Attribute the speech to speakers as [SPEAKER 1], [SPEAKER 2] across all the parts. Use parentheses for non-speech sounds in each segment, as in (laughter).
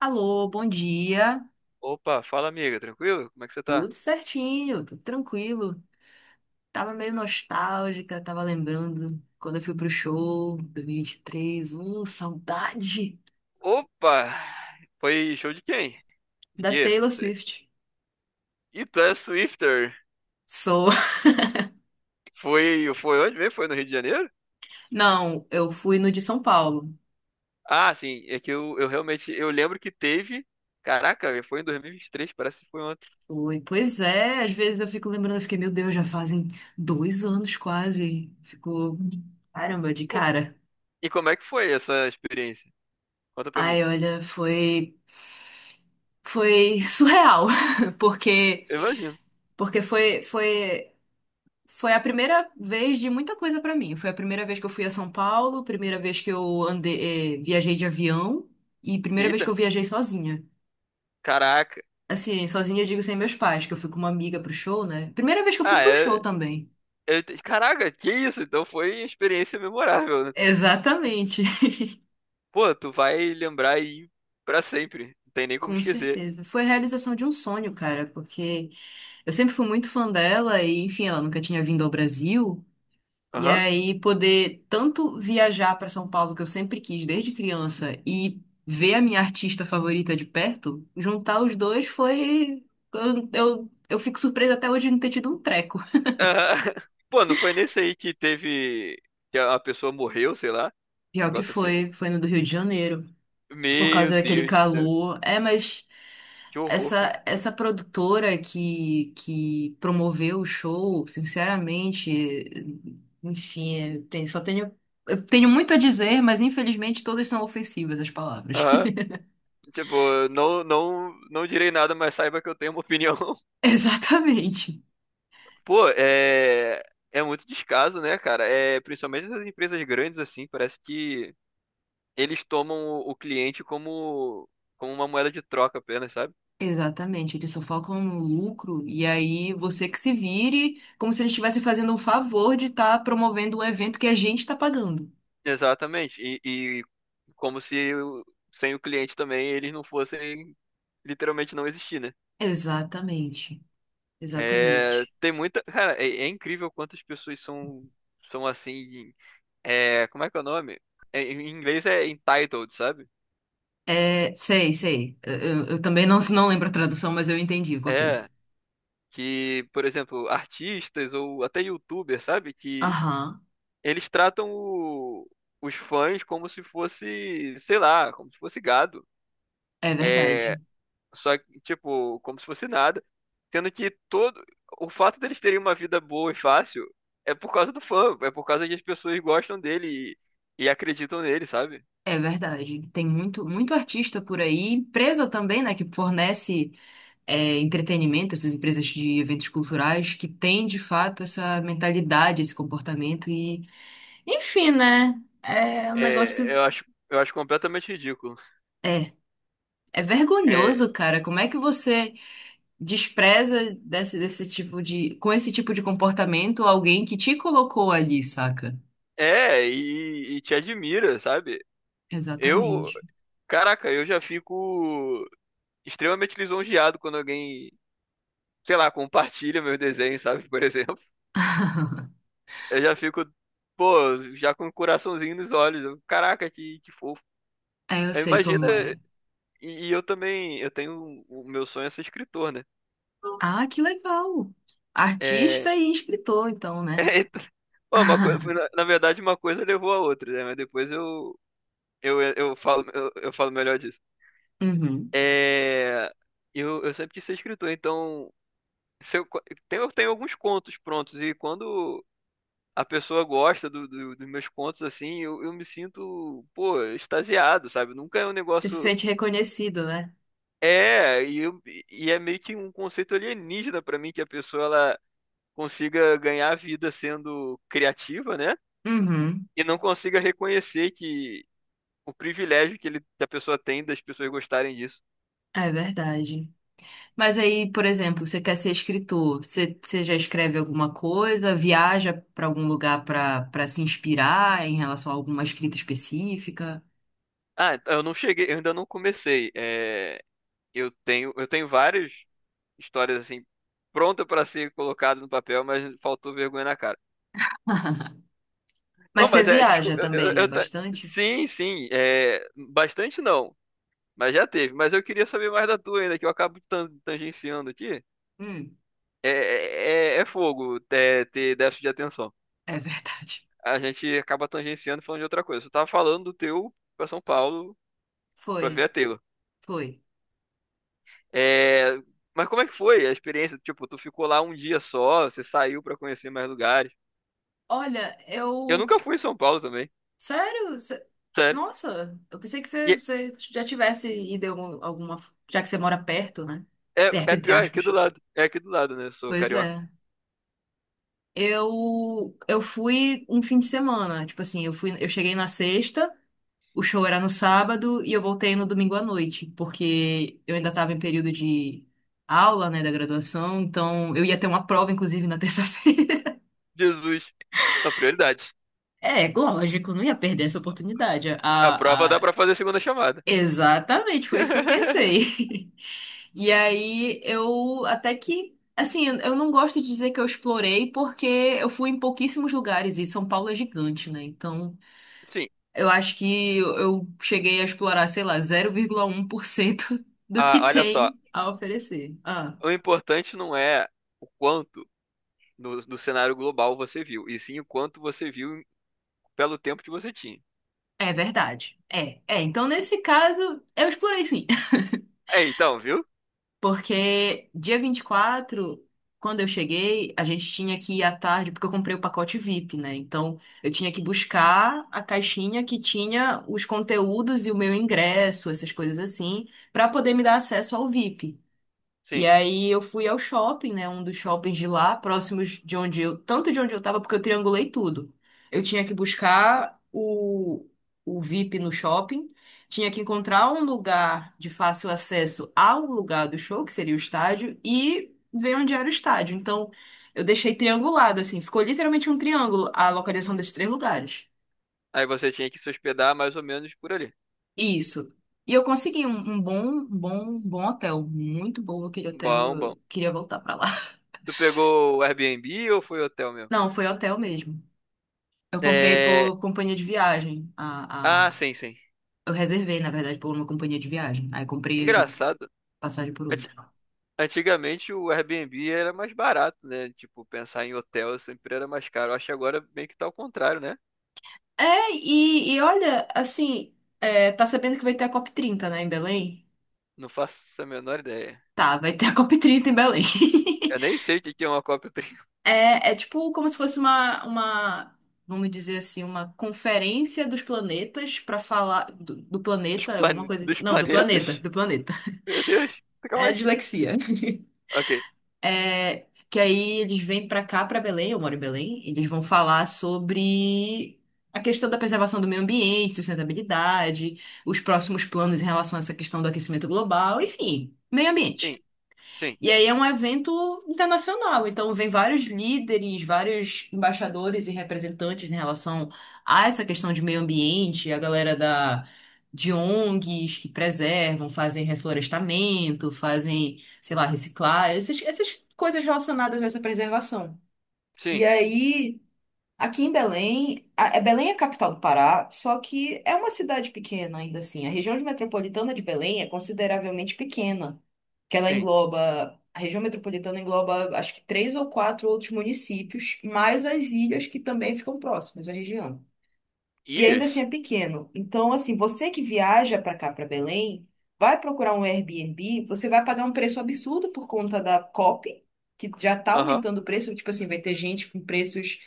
[SPEAKER 1] Alô, bom dia.
[SPEAKER 2] Opa, fala amiga, tranquilo? Como é que você tá?
[SPEAKER 1] Tudo certinho, tudo tranquilo. Tava meio nostálgica, tava lembrando quando eu fui pro show 2023. Saudade
[SPEAKER 2] Opa! Foi show de quem? De
[SPEAKER 1] da
[SPEAKER 2] quê?
[SPEAKER 1] Taylor
[SPEAKER 2] Não sei.
[SPEAKER 1] Swift.
[SPEAKER 2] Ita Swifter.
[SPEAKER 1] Sou.
[SPEAKER 2] Foi onde mesmo? Foi no Rio de Janeiro?
[SPEAKER 1] (laughs) Não, eu fui no de São Paulo.
[SPEAKER 2] Ah, sim, é que eu realmente, eu lembro que teve, caraca, velho, foi em 2023, parece que foi ontem.
[SPEAKER 1] Foi. Pois é, às vezes eu fico lembrando, eu fiquei, meu Deus, já fazem 2 anos quase. Ficou, caramba, de
[SPEAKER 2] Pô,
[SPEAKER 1] cara.
[SPEAKER 2] e como é que foi essa experiência? Conta pra mim.
[SPEAKER 1] Ai, olha, foi surreal, (laughs) porque,
[SPEAKER 2] Eu imagino.
[SPEAKER 1] porque foi a primeira vez de muita coisa pra mim. Foi a primeira vez que eu fui a São Paulo, primeira vez que eu andei, viajei de avião e primeira vez que
[SPEAKER 2] Eita,
[SPEAKER 1] eu viajei sozinha.
[SPEAKER 2] caraca.
[SPEAKER 1] Assim, sozinha eu digo sem meus pais, que eu fui com uma amiga pro show, né? Primeira vez que eu fui
[SPEAKER 2] Ah,
[SPEAKER 1] pro show
[SPEAKER 2] é,
[SPEAKER 1] também.
[SPEAKER 2] caraca, que isso? Então foi experiência memorável, né?
[SPEAKER 1] Exatamente. (laughs)
[SPEAKER 2] Pô, tu vai lembrar aí pra sempre, não tem nem como
[SPEAKER 1] Com
[SPEAKER 2] esquecer.
[SPEAKER 1] certeza. Foi a realização de um sonho, cara, porque eu sempre fui muito fã dela e, enfim, ela nunca tinha vindo ao Brasil. E
[SPEAKER 2] Aham.
[SPEAKER 1] aí poder tanto viajar para São Paulo, que eu sempre quis desde criança, e ver a minha artista favorita de perto, juntar os dois foi. Eu fico surpresa até hoje de não ter tido um treco.
[SPEAKER 2] Ah, (laughs) pô, não foi nesse aí que teve. Que a pessoa morreu, sei lá.
[SPEAKER 1] Pior que
[SPEAKER 2] Negócio assim.
[SPEAKER 1] foi, foi no do Rio de Janeiro, por
[SPEAKER 2] Meu
[SPEAKER 1] causa daquele
[SPEAKER 2] Deus do céu.
[SPEAKER 1] calor. É, mas
[SPEAKER 2] Que horror, cara.
[SPEAKER 1] essa produtora que promoveu o show, sinceramente, enfim, tem, só tenho. Eu tenho muito a dizer, mas infelizmente todas são ofensivas as palavras.
[SPEAKER 2] Aham. Tipo, não direi nada, mas saiba que eu tenho uma opinião. (laughs)
[SPEAKER 1] (laughs) Exatamente.
[SPEAKER 2] Pô, é. É muito descaso, né, cara? É, principalmente nas empresas grandes, assim, parece que eles tomam o cliente como, como uma moeda de troca apenas, sabe?
[SPEAKER 1] Exatamente, eles só focam no lucro e aí você que se vire, como se eles estivessem fazendo um favor de estar promovendo um evento que a gente está pagando.
[SPEAKER 2] Exatamente. E como se o- sem o cliente também eles não fossem literalmente não existir, né?
[SPEAKER 1] Exatamente,
[SPEAKER 2] É,
[SPEAKER 1] exatamente.
[SPEAKER 2] tem muita. Cara, é, é incrível quantas pessoas são, são assim. É, como é que é o nome? É, em inglês é entitled, sabe?
[SPEAKER 1] É, sei, sei. Eu também não, não lembro a tradução, mas eu entendi o conceito.
[SPEAKER 2] É. Que, por exemplo, artistas ou até youtubers, sabe? Que
[SPEAKER 1] Aham,
[SPEAKER 2] eles os fãs como se fosse, sei lá, como se fosse gado.
[SPEAKER 1] é
[SPEAKER 2] É,
[SPEAKER 1] verdade.
[SPEAKER 2] só que, tipo, como se fosse nada. Sendo que todo. O fato deles terem uma vida boa e fácil é por causa do fã, é por causa que as pessoas gostam dele e acreditam nele, sabe?
[SPEAKER 1] É verdade. Tem muito, muito artista por aí, empresa também, né, que fornece. É, entretenimento, essas empresas de eventos culturais que têm de fato essa mentalidade, esse comportamento e, enfim, né? É um negócio.
[SPEAKER 2] É, eu acho completamente ridículo.
[SPEAKER 1] É, é
[SPEAKER 2] É,
[SPEAKER 1] vergonhoso, cara. Como é que você despreza com esse tipo de comportamento alguém que te colocou ali, saca?
[SPEAKER 2] é e te admira, sabe? Eu,
[SPEAKER 1] Exatamente.
[SPEAKER 2] caraca, eu já fico extremamente lisonjeado quando alguém, sei lá, compartilha meus desenhos, sabe? Por exemplo,
[SPEAKER 1] (laughs)
[SPEAKER 2] eu já fico, pô, já com o coraçãozinho nos olhos. Eu, caraca, que fofo.
[SPEAKER 1] É, eu
[SPEAKER 2] Eu
[SPEAKER 1] sei
[SPEAKER 2] imagino,
[SPEAKER 1] como é.
[SPEAKER 2] e eu também, eu tenho, o meu sonho é ser escritor, né?
[SPEAKER 1] Ah, que legal!
[SPEAKER 2] É,
[SPEAKER 1] Artista e escritor, então,
[SPEAKER 2] (laughs)
[SPEAKER 1] né?
[SPEAKER 2] é, bom, uma coisa, foi
[SPEAKER 1] (laughs)
[SPEAKER 2] na verdade, uma coisa levou a outra, né? Mas depois eu falo, eu falo melhor disso.
[SPEAKER 1] Uhum.
[SPEAKER 2] É, eu sempre quis ser escritor, então, se eu, co- tem- eu tenho alguns contos prontos, e quando a pessoa gosta dos meus contos, assim, eu me sinto, pô, extasiado, sabe? Nunca é um
[SPEAKER 1] Você se
[SPEAKER 2] negócio...
[SPEAKER 1] sente reconhecido, né?
[SPEAKER 2] É, e é meio que um conceito alienígena pra mim, que a pessoa, ela consiga ganhar vida sendo criativa, né?
[SPEAKER 1] Uhum.
[SPEAKER 2] E não consiga reconhecer que o privilégio que, ele, que a pessoa tem das pessoas gostarem disso.
[SPEAKER 1] É verdade. Mas aí, por exemplo, você quer ser escritor, você, você já escreve alguma coisa, viaja para algum lugar para para se inspirar em relação a alguma escrita específica?
[SPEAKER 2] Ah, então, eu não cheguei, eu ainda não comecei. É, eu tenho várias histórias assim pronta para ser colocada no papel, mas faltou vergonha na cara.
[SPEAKER 1] (laughs)
[SPEAKER 2] Não,
[SPEAKER 1] Mas você
[SPEAKER 2] mas é,
[SPEAKER 1] viaja
[SPEAKER 2] desculpa,
[SPEAKER 1] também, né? Bastante?
[SPEAKER 2] sim, sim, é, bastante não, mas já teve. Mas eu queria saber mais da tua ainda, que eu acabo tangenciando aqui.
[SPEAKER 1] Hum,
[SPEAKER 2] É, é fogo é, ter déficit de atenção.
[SPEAKER 1] é verdade.
[SPEAKER 2] A gente acaba tangenciando e falando de outra coisa. Você tava falando do teu pra São Paulo pra
[SPEAKER 1] Foi,
[SPEAKER 2] ver a Taylor.
[SPEAKER 1] foi.
[SPEAKER 2] É, mas como é que foi a experiência? Tipo, tu ficou lá um dia só, você saiu pra conhecer mais lugares.
[SPEAKER 1] Olha,
[SPEAKER 2] Eu
[SPEAKER 1] eu.
[SPEAKER 2] nunca fui em São Paulo também,
[SPEAKER 1] Sério?
[SPEAKER 2] sério.
[SPEAKER 1] Nossa, eu pensei que você,
[SPEAKER 2] E
[SPEAKER 1] você já tivesse ido em alguma. Já que você mora perto, né?
[SPEAKER 2] é,
[SPEAKER 1] Perto,
[SPEAKER 2] é
[SPEAKER 1] entre
[SPEAKER 2] pior, é aqui do
[SPEAKER 1] aspas.
[SPEAKER 2] lado. É aqui do lado, né? Eu sou
[SPEAKER 1] Pois
[SPEAKER 2] carioca.
[SPEAKER 1] é. Eu fui um fim de semana, tipo assim, eu fui, eu cheguei na sexta, o show era no sábado e eu voltei no domingo à noite, porque eu ainda estava em período de aula, né, da graduação, então eu ia ter uma prova, inclusive, na terça-feira. (laughs)
[SPEAKER 2] Jesus, a prioridade.
[SPEAKER 1] É, lógico, não ia perder essa oportunidade.
[SPEAKER 2] A prova dá
[SPEAKER 1] A...
[SPEAKER 2] pra fazer segunda chamada.
[SPEAKER 1] Exatamente, foi isso que eu
[SPEAKER 2] (laughs)
[SPEAKER 1] pensei. (laughs) E aí eu até que, assim, eu não gosto de dizer que eu explorei, porque eu fui em pouquíssimos lugares e São Paulo é gigante, né? Então.
[SPEAKER 2] Sim,
[SPEAKER 1] Eu acho que eu cheguei a explorar, sei lá, 0,1% (laughs) do que
[SPEAKER 2] ah, olha só.
[SPEAKER 1] tem a oferecer. Ah,
[SPEAKER 2] O importante não é o quanto no cenário global você viu, e sim o quanto você viu pelo tempo que você tinha.
[SPEAKER 1] é verdade. É, é. Então, nesse caso, eu explorei sim. (laughs)
[SPEAKER 2] É, então, viu?
[SPEAKER 1] Porque dia 24 quando eu cheguei, a gente tinha que ir à tarde, porque eu comprei o pacote VIP, né? Então, eu tinha que buscar a caixinha que tinha os conteúdos e o meu ingresso, essas coisas assim, para poder me dar acesso ao VIP. E
[SPEAKER 2] Sim.
[SPEAKER 1] aí eu fui ao shopping, né? Um dos shoppings de lá, próximos de onde eu, tanto de onde eu tava, porque eu triangulei tudo. Eu tinha que buscar o VIP no shopping, tinha que encontrar um lugar de fácil acesso ao lugar do show, que seria o estádio, e ver onde era o estádio. Então, eu deixei triangulado, assim, ficou literalmente um triângulo a localização desses três lugares.
[SPEAKER 2] Aí você tinha que se hospedar mais ou menos por ali.
[SPEAKER 1] Isso. E eu consegui um bom hotel, muito bom aquele hotel,
[SPEAKER 2] Bom, bom.
[SPEAKER 1] eu queria voltar pra lá. (laughs)
[SPEAKER 2] Tu pegou o Airbnb ou foi hotel mesmo?
[SPEAKER 1] Não, foi hotel mesmo. Eu comprei
[SPEAKER 2] É...
[SPEAKER 1] por companhia de viagem.
[SPEAKER 2] Ah,
[SPEAKER 1] A...
[SPEAKER 2] sim, sim.
[SPEAKER 1] Eu reservei, na verdade, por uma companhia de viagem. Aí comprei
[SPEAKER 2] Engraçado.
[SPEAKER 1] passagem por
[SPEAKER 2] Ati-
[SPEAKER 1] outra.
[SPEAKER 2] Antigamente o Airbnb era mais barato, né? Tipo, pensar em hotel sempre era mais caro. Acho que agora meio que tá ao contrário, né?
[SPEAKER 1] É, e olha, assim, é, tá sabendo que vai ter a COP30, né, em Belém?
[SPEAKER 2] Não faço a menor ideia.
[SPEAKER 1] Tá, vai ter a COP30 em Belém. (laughs)
[SPEAKER 2] Eu nem sei o que que é uma
[SPEAKER 1] É, é tipo como se fosse vamos dizer assim, uma conferência dos planetas pra falar do
[SPEAKER 2] (laughs) dos,
[SPEAKER 1] planeta, alguma coisa.
[SPEAKER 2] dos
[SPEAKER 1] Não, do planeta,
[SPEAKER 2] planetas.
[SPEAKER 1] do planeta.
[SPEAKER 2] Meu Deus, calma
[SPEAKER 1] É
[SPEAKER 2] aí.
[SPEAKER 1] dislexia.
[SPEAKER 2] Ok.
[SPEAKER 1] É, que aí eles vêm pra cá, pra Belém, eu moro em Belém, e eles vão falar sobre a questão da preservação do meio ambiente, sustentabilidade, os próximos planos em relação a essa questão do aquecimento global, enfim, meio
[SPEAKER 2] Sim,
[SPEAKER 1] ambiente.
[SPEAKER 2] sim,
[SPEAKER 1] E aí é um evento internacional, então vem vários líderes, vários embaixadores e representantes em relação a essa questão de meio ambiente, a galera da de ONGs que preservam, fazem reflorestamento, fazem, sei lá, reciclar, essas coisas relacionadas a essa preservação. E
[SPEAKER 2] sim,
[SPEAKER 1] aí aqui em Belém, Belém é a capital do Pará, só que é uma cidade pequena ainda assim. A região de metropolitana de Belém é consideravelmente pequena, que ela
[SPEAKER 2] sim.
[SPEAKER 1] engloba, a região metropolitana engloba acho que três ou quatro outros municípios, mais as ilhas que também ficam próximas à região. E ainda assim
[SPEAKER 2] Ilhas?
[SPEAKER 1] é pequeno. Então, assim, você que viaja para cá, para Belém, vai procurar um Airbnb, você vai pagar um preço absurdo por conta da COP, que já tá
[SPEAKER 2] Aham.
[SPEAKER 1] aumentando o preço, tipo assim, vai ter gente com preços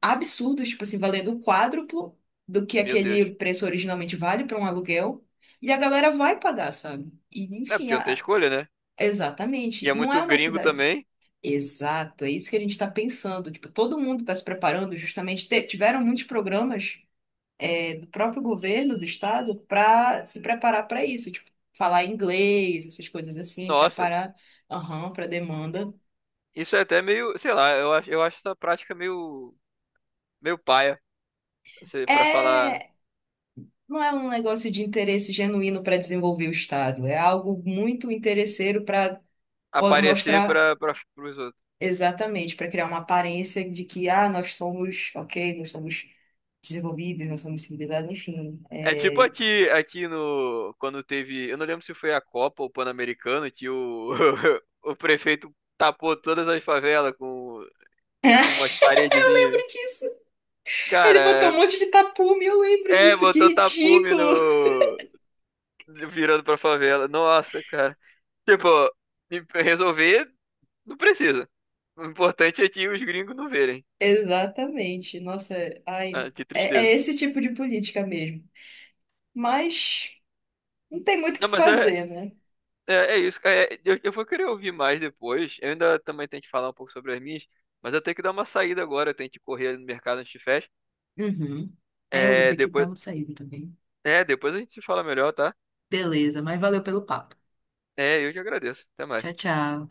[SPEAKER 1] absurdos, tipo assim, valendo o quádruplo do que
[SPEAKER 2] Meu Deus.
[SPEAKER 1] aquele preço originalmente vale para um aluguel, e a galera vai pagar, sabe? E
[SPEAKER 2] É,
[SPEAKER 1] enfim,
[SPEAKER 2] porque não tem escolha, né? E é
[SPEAKER 1] exatamente, não é
[SPEAKER 2] muito
[SPEAKER 1] uma
[SPEAKER 2] gringo
[SPEAKER 1] cidade.
[SPEAKER 2] também.
[SPEAKER 1] Exato, é isso que a gente está pensando. Tipo, todo mundo está se preparando, justamente tiveram muitos programas é, do próprio governo do estado para se preparar para isso, tipo, falar inglês, essas coisas assim,
[SPEAKER 2] Nossa,
[SPEAKER 1] preparar, aham, para demanda.
[SPEAKER 2] isso é até meio, sei lá, eu acho essa prática meio, meio paia, assim, pra falar,
[SPEAKER 1] É não é um negócio de interesse genuíno para desenvolver o Estado, é algo muito interesseiro para
[SPEAKER 2] aparecer
[SPEAKER 1] mostrar
[SPEAKER 2] pros outros.
[SPEAKER 1] exatamente, para criar uma aparência de que, ah, nós somos, ok, nós somos desenvolvidos, nós somos civilizados, enfim.
[SPEAKER 2] É tipo
[SPEAKER 1] É.
[SPEAKER 2] aqui, quando teve, eu não lembro se foi a Copa ou o Pan-Americano, que o, (laughs) o prefeito tapou todas as favelas com umas paredezinhas.
[SPEAKER 1] Lembro disso. Ele botou um
[SPEAKER 2] Cara,
[SPEAKER 1] monte de tapume, eu lembro
[SPEAKER 2] é,
[SPEAKER 1] disso, que
[SPEAKER 2] botou tapume
[SPEAKER 1] ridículo.
[SPEAKER 2] no, virando pra favela. Nossa, cara. Tipo, resolver não precisa. O importante é que os gringos não verem.
[SPEAKER 1] Exatamente, nossa, ai,
[SPEAKER 2] Ah, que
[SPEAKER 1] é, é
[SPEAKER 2] tristeza.
[SPEAKER 1] esse tipo de política mesmo. Mas não tem muito o que
[SPEAKER 2] Não, mas
[SPEAKER 1] fazer, né?
[SPEAKER 2] é isso. É, eu vou querer ouvir mais depois. Eu ainda também tenho que falar um pouco sobre as minhas, mas eu tenho que dar uma saída agora. Eu tenho que correr ali no mercado antes de fecha.
[SPEAKER 1] Uhum. Aí eu vou
[SPEAKER 2] É,
[SPEAKER 1] ter que dar
[SPEAKER 2] depois,
[SPEAKER 1] uma saída também.
[SPEAKER 2] é, depois a gente se fala melhor, tá?
[SPEAKER 1] Beleza, mas valeu pelo papo.
[SPEAKER 2] É, eu te agradeço. Até
[SPEAKER 1] Tchau,
[SPEAKER 2] mais.
[SPEAKER 1] tchau.